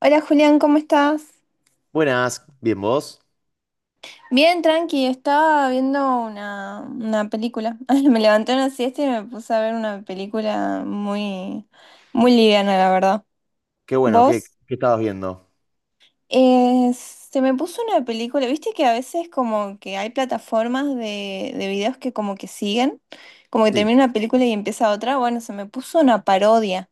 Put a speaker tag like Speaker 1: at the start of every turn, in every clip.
Speaker 1: Hola Julián, ¿cómo estás?
Speaker 2: Buenas, bien vos.
Speaker 1: Bien, tranqui, estaba viendo una película. Ay, me levanté una siesta y me puse a ver una película muy liviana, la verdad.
Speaker 2: Qué bueno, ¿qué,
Speaker 1: ¿Vos?
Speaker 2: qué estabas viendo?
Speaker 1: Se me puso una película, viste que a veces como que hay plataformas de videos que como que siguen, como que
Speaker 2: Sí.
Speaker 1: termina una película y empieza otra. Bueno, se me puso una parodia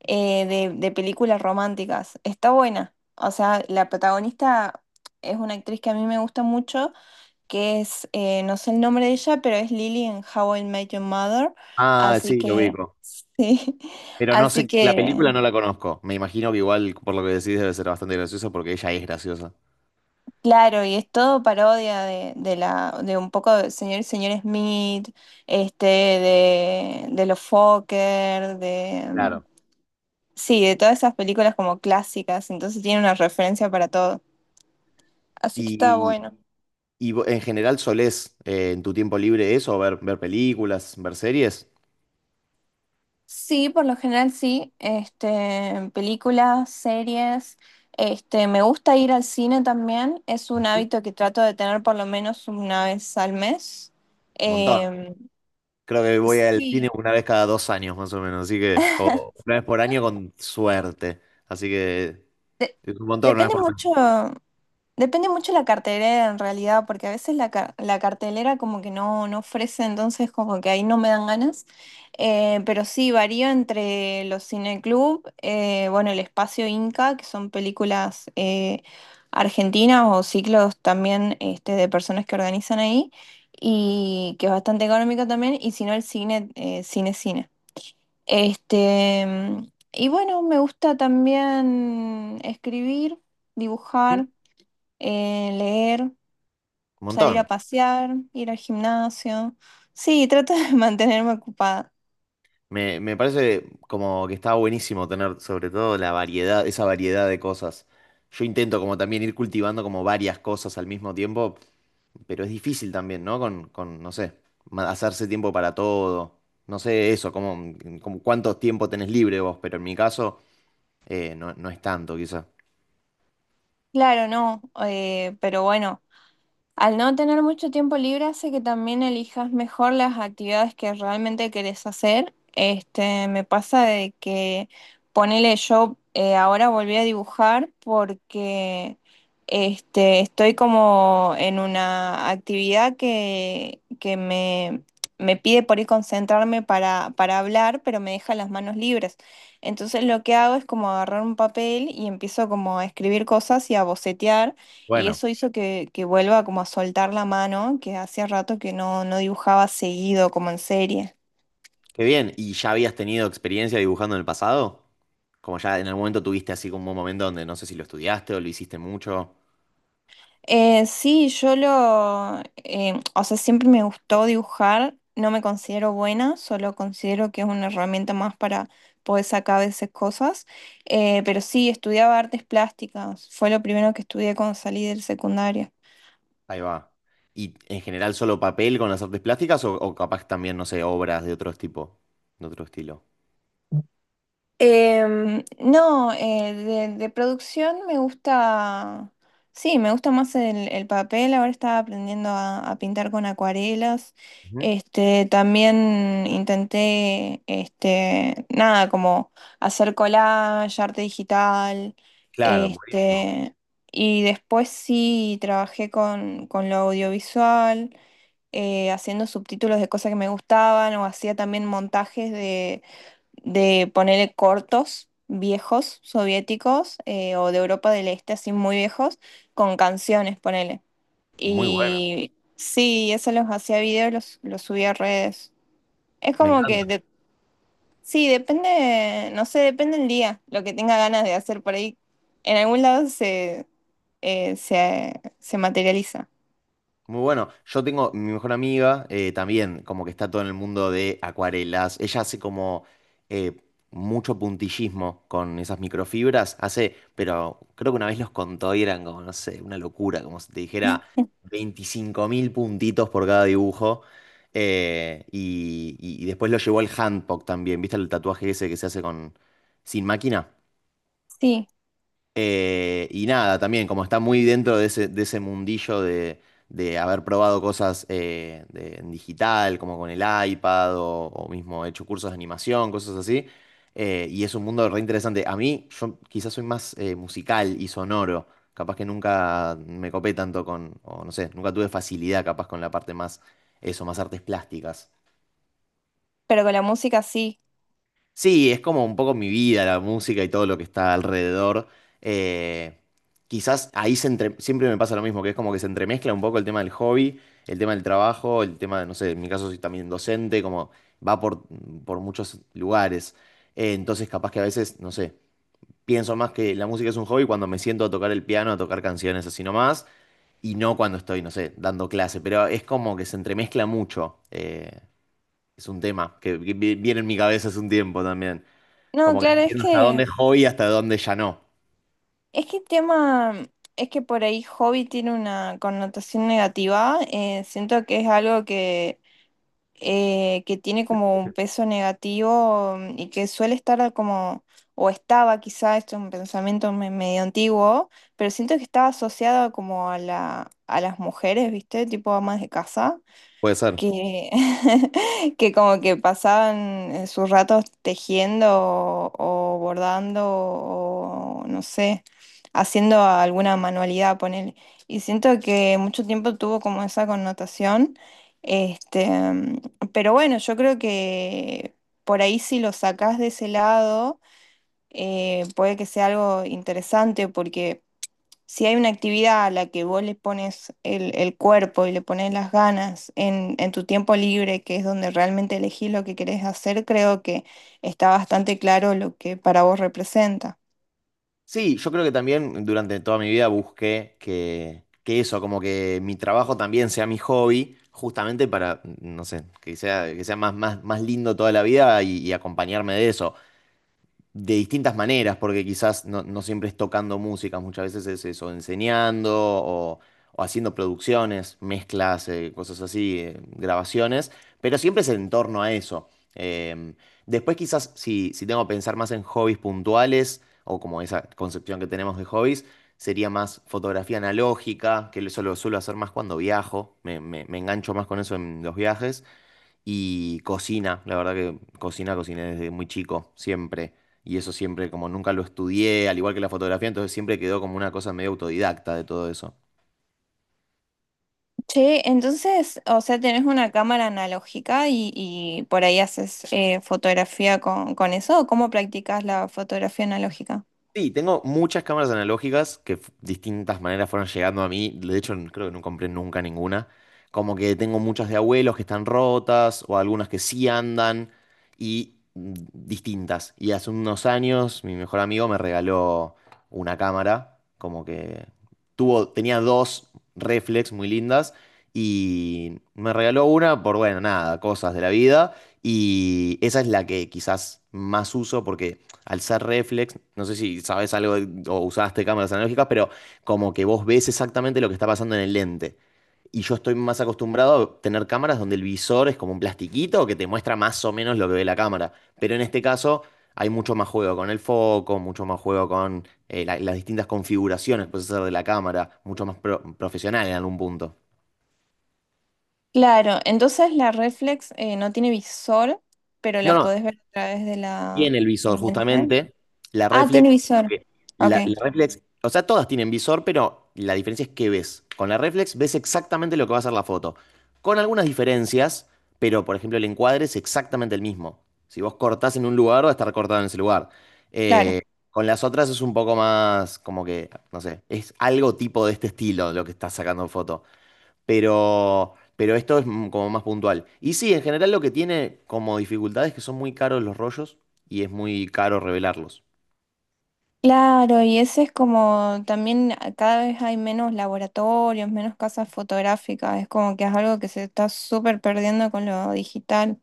Speaker 1: de películas románticas. Está buena. O sea, la protagonista es una actriz que a mí me gusta mucho, que es, no sé el nombre de ella, pero es Lily en How I Met Your Mother.
Speaker 2: Ah,
Speaker 1: Así
Speaker 2: sí, lo
Speaker 1: que,
Speaker 2: ubico.
Speaker 1: sí,
Speaker 2: Pero no
Speaker 1: así
Speaker 2: sé, la película
Speaker 1: que,
Speaker 2: no la conozco. Me imagino que igual, por lo que decís, debe ser bastante graciosa porque ella es graciosa.
Speaker 1: claro, y es todo parodia de un poco de señor y señor Smith, este, de los Fokker, de,
Speaker 2: Claro.
Speaker 1: sí, de todas esas películas como clásicas, entonces tiene una referencia para todo. Así que está
Speaker 2: Y,
Speaker 1: bueno.
Speaker 2: en general solés en tu tiempo libre eso, ver películas, ver series.
Speaker 1: Sí, por lo general sí, este, películas, series, este, me gusta ir al cine también, es un
Speaker 2: Ujú.
Speaker 1: hábito que trato de tener por lo menos una vez al mes.
Speaker 2: Montón.
Speaker 1: Em,
Speaker 2: Creo que voy al cine
Speaker 1: sí,
Speaker 2: una vez cada dos años más o menos, así que, o una vez por año con suerte. Así que es un montón, una vez
Speaker 1: depende
Speaker 2: por mes.
Speaker 1: mucho, depende mucho la cartelera en realidad, porque a veces la cartelera como que no, no ofrece, entonces como que ahí no me dan ganas. Pero sí, varía entre los cineclub, bueno, el Espacio Inca, que son películas argentinas o ciclos también este, de personas que organizan ahí, y que es bastante económico también, y si no el cine, cine. Este, y bueno, me gusta también escribir,
Speaker 2: Ujú.
Speaker 1: dibujar, leer,
Speaker 2: Un
Speaker 1: salir
Speaker 2: montón.
Speaker 1: a pasear, ir al gimnasio. Sí, trato de mantenerme ocupada.
Speaker 2: Me parece como que está buenísimo tener sobre todo la variedad, esa variedad de cosas. Yo intento como también ir cultivando como varias cosas al mismo tiempo, pero es difícil también, ¿no? No sé, hacerse tiempo para todo. No sé eso, como, como cuánto tiempo tenés libre vos, pero en mi caso no, no es tanto quizá.
Speaker 1: Claro, no, pero bueno. Al no tener mucho tiempo libre hace que también elijas mejor las actividades que realmente querés hacer. Este, me pasa de que ponele yo, ahora volví a dibujar porque este, estoy como en una actividad que me pide por ahí concentrarme para hablar, pero me deja las manos libres. Entonces lo que hago es como agarrar un papel y empiezo como a escribir cosas y a bocetear. Y
Speaker 2: Bueno,
Speaker 1: eso hizo que vuelva como a soltar la mano, que hacía rato que no, no dibujaba seguido, como en serie.
Speaker 2: qué bien. ¿Y ya habías tenido experiencia dibujando en el pasado? Como ya en algún momento tuviste así como un momento donde no sé si lo estudiaste o lo hiciste mucho.
Speaker 1: O sea, siempre me gustó dibujar, no me considero buena, solo considero que es una herramienta más para poder sacar a veces cosas. Pero sí, estudiaba artes plásticas, fue lo primero que estudié cuando salí del secundario.
Speaker 2: Ahí va. ¿Y en general solo papel con las artes plásticas o capaz también, no sé, obras de otro tipo, de otro estilo?
Speaker 1: No, de producción me gusta, sí, me gusta más el papel, ahora estaba aprendiendo a pintar con acuarelas,
Speaker 2: Ujú.
Speaker 1: este, también intenté, este, nada, como hacer collage, arte digital,
Speaker 2: Claro, buenísimo.
Speaker 1: este, y después sí trabajé con lo audiovisual, haciendo subtítulos de cosas que me gustaban o hacía también montajes de ponerle cortos viejos soviéticos, o de Europa del Este, así muy viejos, con canciones, ponele.
Speaker 2: Muy bueno.
Speaker 1: Y sí, eso los hacía videos, los subía a redes. Es
Speaker 2: Me
Speaker 1: como que,
Speaker 2: encanta.
Speaker 1: sí, depende, no sé, depende el día, lo que tenga ganas de hacer por ahí. En algún lado se materializa.
Speaker 2: Muy bueno. Yo tengo mi mejor amiga también, como que está todo en el mundo de acuarelas. Ella hace como eh, mucho puntillismo con esas microfibras. Hace, pero creo que una vez los contó y eran como, no sé, una locura, como si te dijera 25 mil puntitos por cada dibujo. Y después lo llevó al handpoke también. ¿Viste el tatuaje ese que se hace con sin máquina?
Speaker 1: Sí,
Speaker 2: Y nada, también como está muy dentro de ese mundillo de haber probado cosas en digital, como con el iPad o mismo hecho cursos de animación, cosas así, y es un mundo re interesante. A mí, yo quizás soy más musical y sonoro, capaz que nunca me copé tanto con, o no sé, nunca tuve facilidad capaz con la parte más, eso, más artes plásticas.
Speaker 1: pero con la música sí.
Speaker 2: Sí, es como un poco mi vida, la música y todo lo que está alrededor. Eh, quizás ahí siempre me pasa lo mismo, que es como que se entremezcla un poco el tema del hobby, el tema del trabajo, el tema de, no sé, en mi caso soy también docente, como va por muchos lugares. Entonces capaz que a veces, no sé, pienso más que la música es un hobby cuando me siento a tocar el piano, a tocar canciones así nomás, y no cuando estoy, no sé, dando clase, pero es como que se entremezcla mucho. Es un tema que viene en mi cabeza hace un tiempo también.
Speaker 1: No,
Speaker 2: Como que no
Speaker 1: claro, es
Speaker 2: entiendo hasta dónde
Speaker 1: que...
Speaker 2: es hobby y hasta dónde ya no.
Speaker 1: Es que el tema, es que por ahí hobby tiene una connotación negativa. Siento que es algo que tiene como un peso negativo, y que suele estar como, o estaba quizá, esto es un pensamiento medio antiguo, pero siento que estaba asociado como a a las mujeres, ¿viste? Tipo amas de casa
Speaker 2: Puede ser.
Speaker 1: que, que como que pasaban, sus ratos tejiendo, o bordando, o no sé, haciendo alguna manualidad, ponele. Y siento que mucho tiempo tuvo como esa connotación. Este, mm, pero bueno, yo creo que por ahí si lo sacás de ese lado, puede que sea algo interesante, porque si hay una actividad a la que vos le pones el cuerpo y le pones las ganas en tu tiempo libre, que es donde realmente elegís lo que querés hacer, creo que está bastante claro lo que para vos representa.
Speaker 2: Sí, yo creo que también durante toda mi vida busqué que eso, como que mi trabajo también sea mi hobby, justamente para, no sé, que sea más, más lindo toda la vida y acompañarme de eso. De distintas maneras, porque quizás no, no siempre es tocando música, muchas veces es eso, enseñando o haciendo producciones, mezclas, cosas así, grabaciones, pero siempre es en torno a eso. Em, después quizás si, si tengo que pensar más en hobbies puntuales o como esa concepción que tenemos de hobbies, sería más fotografía analógica, que eso lo suelo hacer más cuando viajo, me engancho más con eso en los viajes y cocina, la verdad que cocina, cociné desde muy chico, siempre. Y eso siempre, como nunca lo estudié, al igual que la fotografía, entonces siempre quedó como una cosa medio autodidacta de todo eso.
Speaker 1: Che, entonces, o sea, tenés una cámara analógica y por ahí haces, fotografía con eso, ¿o cómo practicas la fotografía analógica?
Speaker 2: Sí, tengo muchas cámaras analógicas que distintas maneras fueron llegando a mí. De hecho, creo que no compré nunca ninguna. Como que tengo muchas de abuelos que están rotas o algunas que sí andan y mm, distintas. Y hace unos años mi mejor amigo me regaló una cámara, como que tenía dos reflex muy lindas y me regaló una por, bueno, nada, cosas de la vida. Y esa es la que quizás más uso porque... Alzar reflex, no sé si sabes o usaste cámaras analógicas, pero como que vos ves exactamente lo que está pasando en el lente. Y yo estoy más acostumbrado a tener cámaras donde el visor es como un plastiquito que te muestra más o menos lo que ve la cámara. Pero en este caso hay mucho más juego con el foco, mucho más juego con las distintas configuraciones que puedes hacer de la cámara, mucho más profesional en algún punto.
Speaker 1: Claro, entonces la reflex, no tiene visor, pero
Speaker 2: No,
Speaker 1: la
Speaker 2: no,
Speaker 1: podés ver a través de la...
Speaker 2: tiene el visor,
Speaker 1: del lente.
Speaker 2: justamente. La
Speaker 1: Ah, tiene
Speaker 2: reflex, lo
Speaker 1: visor.
Speaker 2: que-
Speaker 1: Ok.
Speaker 2: la reflex, o sea, todas tienen visor, pero la diferencia es que ves. Con la reflex ves exactamente lo que va a ser la foto. Con algunas diferencias, pero por ejemplo, el encuadre es exactamente el mismo. Si vos cortás en un lugar, va a estar cortado en ese lugar.
Speaker 1: Claro,
Speaker 2: Eh, con las otras es un poco más como que, no sé, es algo tipo de este estilo lo que estás sacando en foto pero esto es mm, como más puntual. Y sí, en general lo que tiene como dificultad es que son muy caros los rollos y es muy caro revelarlos.
Speaker 1: claro, y ese es como también cada vez hay menos laboratorios, menos casas fotográficas, es como que es algo que se está súper perdiendo con lo digital.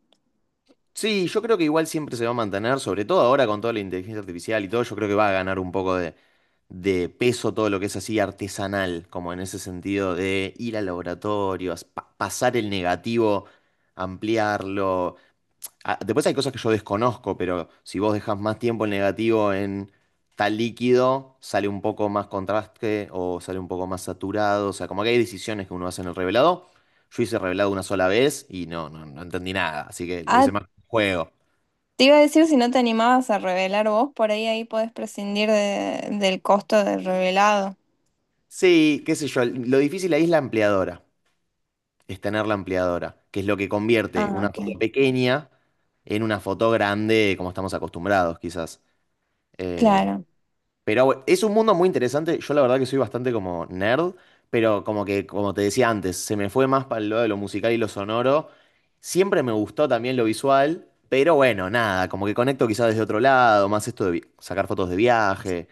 Speaker 2: Sí, yo creo que igual siempre se va a mantener, sobre todo ahora con toda la inteligencia artificial y todo, yo creo que va a ganar un poco de peso todo lo que es así artesanal, como en ese sentido de ir al laboratorio, pasar el negativo, ampliarlo. Ah, después hay cosas que yo desconozco, pero si vos dejas más tiempo el negativo en tal líquido, sale un poco más contraste o sale un poco más saturado. O sea, como que hay decisiones que uno hace en el revelado. Yo hice revelado una sola vez y no, no, no entendí nada, así que lo
Speaker 1: Ah,
Speaker 2: hice más como un juego.
Speaker 1: te iba a decir si no te animabas a revelar vos, por ahí ahí podés prescindir del costo del revelado.
Speaker 2: Sí, qué sé yo, lo difícil ahí es la ampliadora, es tener la ampliadora, que es lo que convierte
Speaker 1: Ah,
Speaker 2: una foto
Speaker 1: ok,
Speaker 2: pequeña en una foto grande como estamos acostumbrados, quizás. Eh,
Speaker 1: claro.
Speaker 2: Pero bueno, es un mundo muy interesante. Yo la verdad que soy bastante como nerd, pero como que, como te decía antes, se me fue más para el lado de lo musical y lo sonoro. Siempre me gustó también lo visual, pero bueno, nada, como que conecto quizás desde otro lado, más esto de sacar fotos de viaje.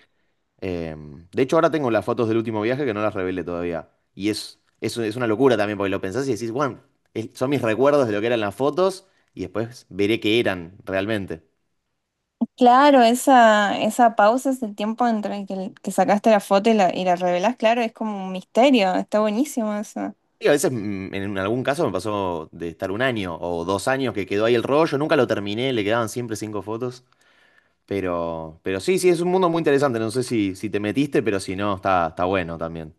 Speaker 2: Eh, de hecho, ahora tengo las fotos del último viaje que no las revelé todavía. Y es una locura también, porque lo pensás y decís, bueno, son mis recuerdos de lo que eran las fotos y después veré qué eran realmente.
Speaker 1: Claro, esa pausa, ese tiempo entre el que sacaste la foto y y la revelás, claro, es como un misterio, está buenísimo eso.
Speaker 2: Sí, a veces mm, en algún caso me pasó de estar un año o dos años que quedó ahí el rollo, nunca lo terminé, le quedaban siempre cinco fotos, pero sí, sí, es un mundo muy interesante, no sé si te metiste, pero si no, está, está bueno también.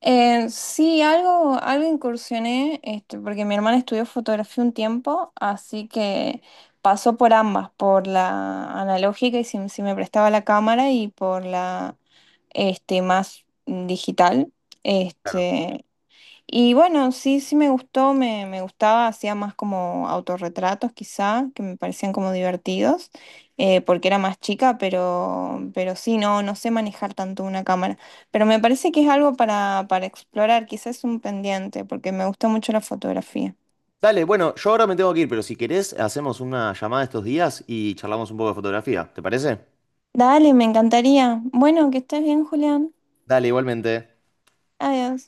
Speaker 1: Algo incursioné, este, porque mi hermana estudió fotografía un tiempo, así que pasó por ambas, por la analógica, y si, si me prestaba la cámara, y por la este, más digital.
Speaker 2: Claro.
Speaker 1: Este, y bueno, sí, sí me gustó, me gustaba, hacía más como autorretratos quizá, que me parecían como divertidos, porque era más chica, pero sí, no, no sé manejar tanto una cámara. Pero me parece que es algo para explorar, quizás un pendiente, porque me gusta mucho la fotografía.
Speaker 2: Dale, bueno, yo ahora me tengo que ir, pero si querés, hacemos una llamada estos días y charlamos un poco de fotografía, ¿te parece?
Speaker 1: Dale, me encantaría. Bueno, que estés bien, Julián.
Speaker 2: Dale, igualmente.
Speaker 1: Adiós.